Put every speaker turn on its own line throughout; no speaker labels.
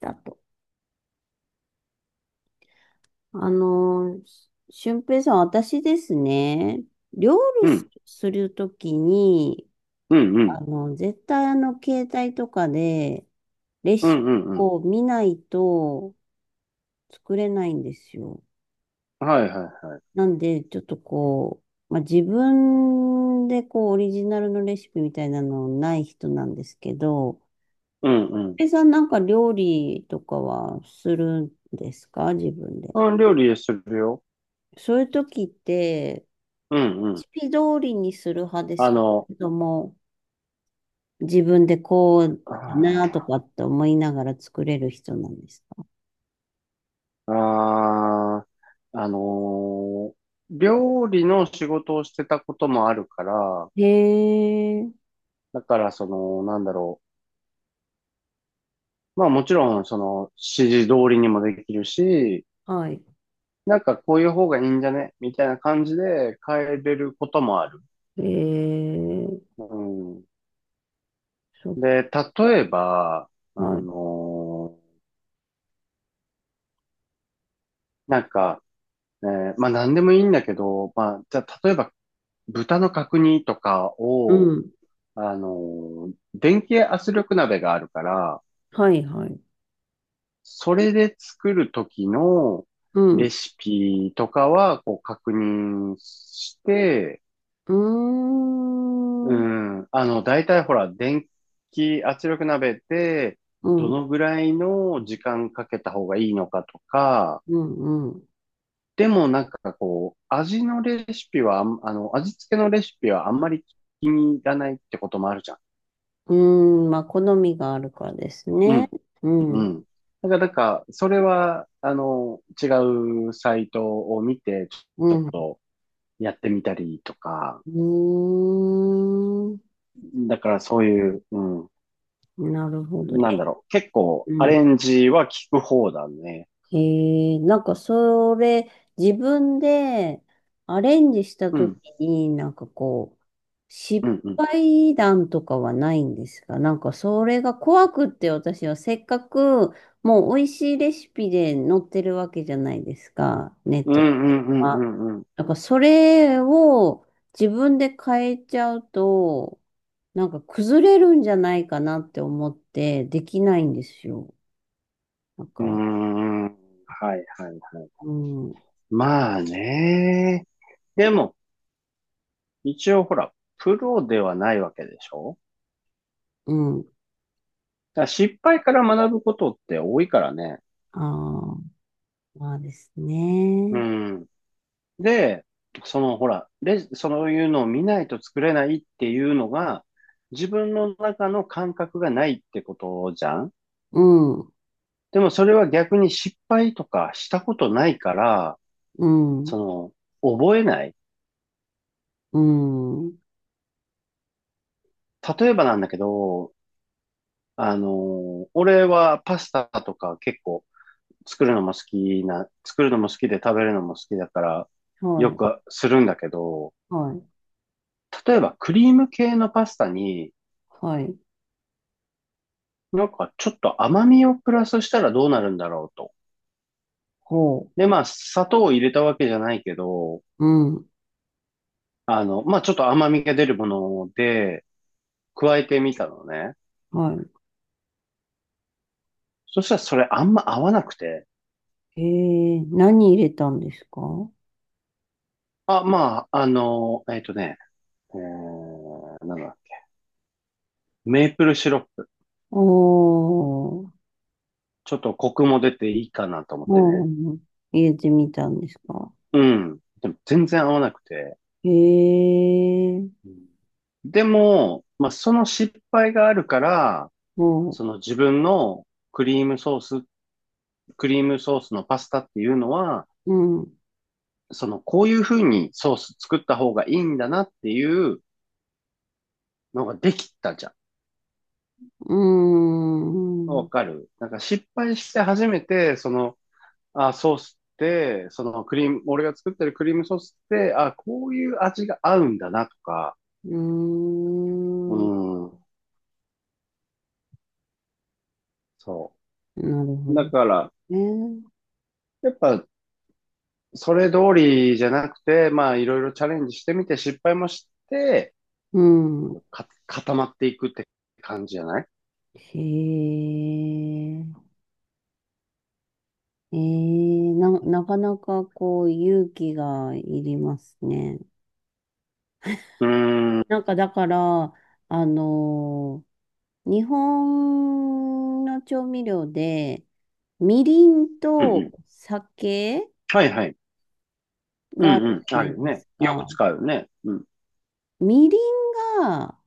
だと。あの、俊平さん、私ですね、料理
う
す
ん、
するときに、
うん、うん、
絶対携帯とかで、レ
う
シ
ん、うん、
ピ
うん。
を見ないと作れないんですよ。
はいはい。
なんで、ちょっとこう、まあ、自分でこう、オリジナルのレシピみたいなのない人なんですけど、
うん、うん。
俊平さんなんか料理とかはするんですか、自分で？
うん、料理するよ。
そういう時って、レ
うん、うん。
シピ通りにする派で
あ
すか、
の、
けども、自分でこうだ
あ
なと
ー、
かって思いながら作れる人なんですか？
あーあのー料理の仕事をしてたこともあるから、
へえ、
だからまあもちろん、その、指示通りにもできるし、
はい。
なんかこういう方がいいんじゃねみたいな感じで変えれることもある。
へえ、
うん。
そっ
で、例えば、あ
か。
のーなんか、まあ何でもいいんだけど、まあじゃあ例えば豚の角煮とか
う
を、
ん。
あの電気圧力鍋があるから、
はい、はい。
それで作る時の
う
レ
ん。
シピとかはこう確認して、
う
う
ーん。
ん、あの、大体ほら、電気圧力鍋って
うん、
ど
うん、
のぐらいの時間かけた方がいいのかとか、
うん。
でもなんかこう、味のレシピはあん、あの、味付けのレシピはあんまり気に入らないってこともあるじゃん。
うーん、まあ、好みがあるからです
う
ね。
ん、
う
う
ん、
ん。だからなんか、それは、あの、違うサイトを見て、
う
ちょっ
ん。う
とやってみたりとか、
ーん。
だからそういう、うん、
なるほど。
なんだ
え、
ろう、結構
う
ア
ん。
レンジは効く方だね。
へえ、なんかそれ、自分でアレンジした
う
とき
ん、
に、なんかこう、
う
失
ん、うん。
敗談とかはないんですか？なんかそれが怖くって私はせっかく、もう美味しいレシピで載ってるわけじゃないですか、ネッ
うんう
トとか
んう
は。
んうんう
なんかそれを自分で変えちゃうと、なんか崩れるんじゃないかなって思ってできないんですよ。なんか、
ん。うーん。はいはいはい。
うん。
まあね。でも、一応ほら、プロではないわけでしょ。
うん。
だから失敗から学ぶことって多いからね。
ああ、まあです
う
ね。
ん。で、そのほら、そういうのを見ないと作れないっていうのが、自分の中の感覚がないってことじゃん。
うん、
でもそれは逆に失敗とかしたことないから、
うん、
その、覚えない。
うん。
例えばなんだけど、あの、俺はパスタとか結構作るのも好きで食べるのも好きだから、
は
よ
い、
くするんだけど、
はい、
例えばクリーム系のパスタに、
はい。
なんかちょっと甘みをプラスしたらどうなるんだろうと。
ほ
で、まあ、砂糖を入れたわけじゃないけど、
う。うん、
あの、まあ、ちょっと甘みが出るもので、加えてみたのね。
は
そしたらそれあんま合わなくて、
い。ええ、何入れたんですか？
まあ、あの、えっとね、えー、なんだっけ、メープルシロップ。
おー、
ちょっとコクも出ていいかなと思って
う
ね。
ん、入れてみたんですか？
うん。でも全然合わなくて。
へえ、
うん。でも、まあ、その失敗があるから、
ほう、
その自分のクリームソース、クリームソースのパスタっていうのは、
うん、う
そのこういう風にソース作った方がいいんだなっていうのができたじゃん。
ーん、
わ
う
かる。なんか失敗して初めて、その、あ、ソースって、そのクリーム、俺が作ってるクリームソースって、あ、こういう味が合うんだなとか、
ー
う
ん、
ん、そ
なるほ
う。だ
ど
から、
ね。
やっぱそれ通りじゃなくて、まあ、いろいろチャレンジしてみて、失敗もして、
うん、
こうか、固まっていくって感じじゃない。
へえ。なかなかこう勇気がいりますね。
うーん、うん
なんかだから、あのー日本の調味料で、みりん
う
と
ん。
酒
はいはい。うん
があ
う
るじ
ん。
ゃ
あ
な
る
い
よ
で
ね。
す
よく
か。
使うよね。うん、
みりんが、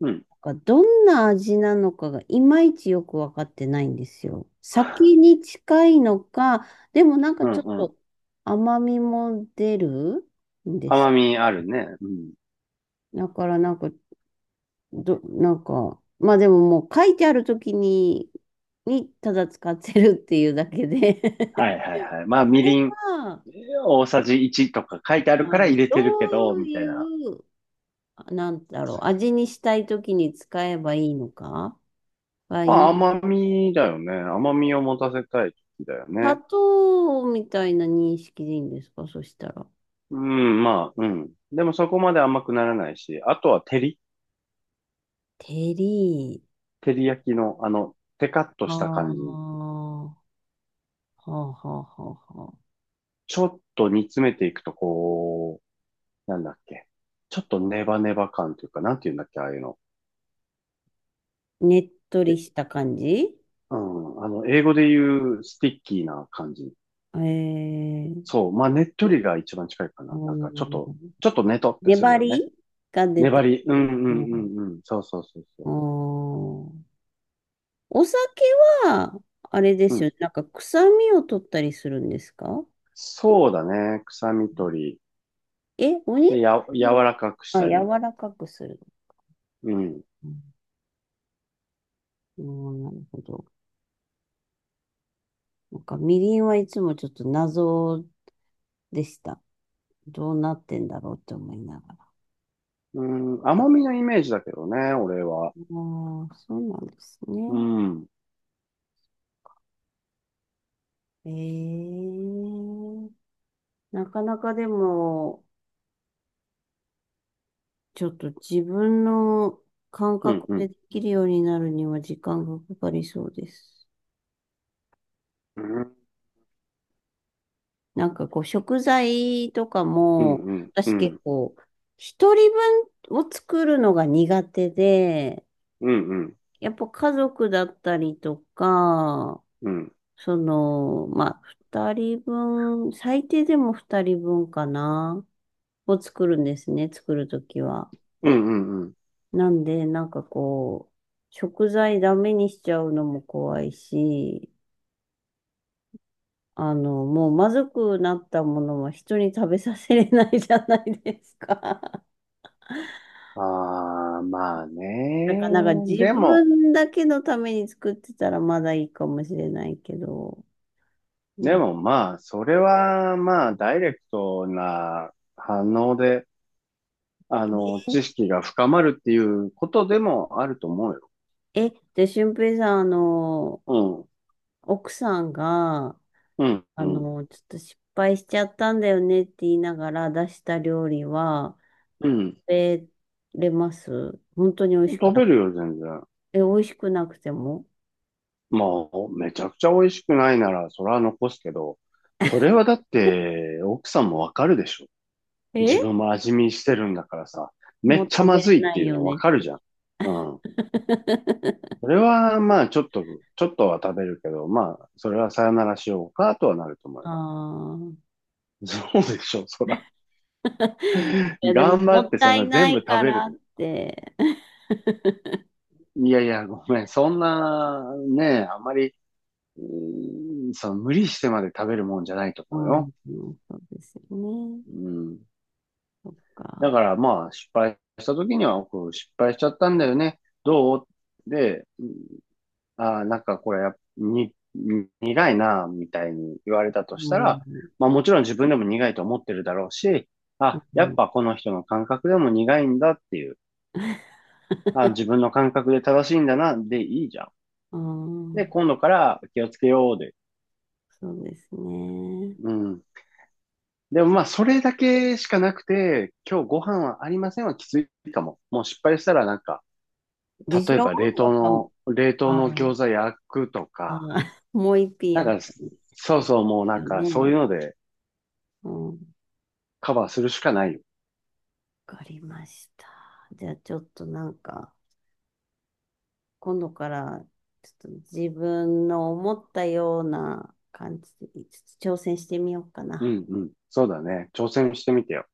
うん、
なんかどんな味なのかがいまいちよくわかってないんですよ。酒に近いのか、でもなんか
うん
ちょっ
うん。
と甘みも出るんです。
甘みあるね。うん。
だからなんかど、なんか、まあでももう書いてある時にただ使ってるっていうだけで
はいはいはい。まあ、
あ
み
れ
りん
は、
大さじ1とか書いてあるか
は
ら
い、
入れて
ど
るけど、
う
みた
い
いな。
う、あなんだろう、味にしたい時に使えばいいのかが
ま
今、
あ、甘みだよね。甘みを持たせたい時だよ
砂
ね。
糖みたいな認識でいいんですか、そしたら？
うん、まあ、うん。でもそこまで甘くならないし、あとは
テリ
照り焼きの、あの、テカッと
ー。は
した感じ。
あ、はあ、はあ、はあ。は
ちょっと煮詰めていくと、こう、なんだっけ。ちょっとネバネバ感というか、なんて言うんだっけ、ああいうの。
あ、ねっとり
え、
した感じ？
うん、あの、英語で言うスティッキーな感じ。
ええー、
そう、まあ、ねっとりが一番近いか
う
な。
ん、
ちょっとねとってする
粘
よね。
りが出
粘
て
り。うん
る。
う
う
んう
ん、
んうん。そうそうそう
あ
そ
ー、お酒は、あれで
う。う
すよ
ん。
ね。なんか臭みを取ったりするんですか？
そうだね。臭み取り。
え、お肉
柔
を、
らかくし
あ、
た
柔
り。
らかくする。
うん。
うん、うん、なるほど。なんかみりんはいつもちょっと謎でした。どうなってんだろうって思いながら。
うん、
あ
甘みのイメージだけどね、俺は。
あ、そうなんです
う
ね。
ん。
ええ、なかなかでも、ちょっと自分の感
うん
覚
う
で
ん
できるようになるには時間がかかりそうです。
うん、
なんかこう食材とか
うん、
も、
うん、う
私結
ん、
構一人分を作るのが苦手で、
うん、うん、
やっぱ家族だったりとか、
うん、
その、まあ、二人分、最低でも二人分かな、を作るんですね、作るときは。
うん、うん。
なんで、なんかこう、食材ダメにしちゃうのも怖いし、もうまずくなったものは人に食べさせれないじゃないですか。
ああー、まあ
だか
ね。
らなんか自
でも、
分だけのために作ってたらまだいいかもしれないけど、な
で
んか
もまあ、それはまあ、ダイレクトな反応で、あの、知識が深まるっていうことでもあると思うよ。
で、俊平さん、
う
奥さんが、
ん、うん、うん、
ちょっと失敗しちゃったんだよねって言いながら出した料理は、
うん。
食べれます？本当に美味しく
食
な
べ
かっ
る
た？
よ、全然。
え、美味しくなくても
もう、めちゃくちゃ美味しくないなら、それは残すけど、それはだって、奥さんもわかるでしょ。自
え
分も味見してるんだからさ、め
もう
っちゃ
食
ま
べれ
ずいっ
な
て
い
いう
よ
のわ
ね。
かるじゃん。うん。そ れは、まあ、ちょっとは食べるけど、まあ、それはさよならしようかとはなると思う
あ
よ。
あ。
そうでしょ、そら。
いや、でも、
頑張
も
っ
っ
てそ
た
ん
い
な
な
全部
い
食
か
べる
らっ
と。
て。
いやいや、ごめん。そんな、ね、あまり、うーん。その無理してまで食べるもんじゃないと
う
思う
ん、う
よ。
ん、そうですよね。
うん。
そっ
だ
か。
からまあ、失敗した時には、こう失敗しちゃったんだよね。どうで、ああ、なんかこれやっぱ、に、に苦いな、みたいに言われたと
う
した
ん、
ら、
う
まあもちろん自分でも苦いと思ってるだろうし、あ、やっ
ん、
ぱこの人の感覚でも苦いんだっていう、あ、自分の感覚で正しいんだな、でいいじゃん。
う
で、
ん、
今度から気をつけようで。
そうですね。
うん。でもまあそれだけしかなくて、今日ご飯はありませんはきついかも。もう失敗したらなんか、
でし
例え
ょ？
ば冷
や
凍
っぱ、
の、冷凍
あ
の
あ、
餃子焼くと
ああ、
か、
もう一品
なん
やっ
か、
ぱり
そうそう、もうなん
よ
か、そうい
ね。
うので
うん、わ
カバーするしかないよ。
かりました。じゃあ、ちょっとなんか、今度から、ちょっと自分の思ったような感じで、ちょっと挑戦してみようか
う
な。
んうん。そうだね。挑戦してみてよ。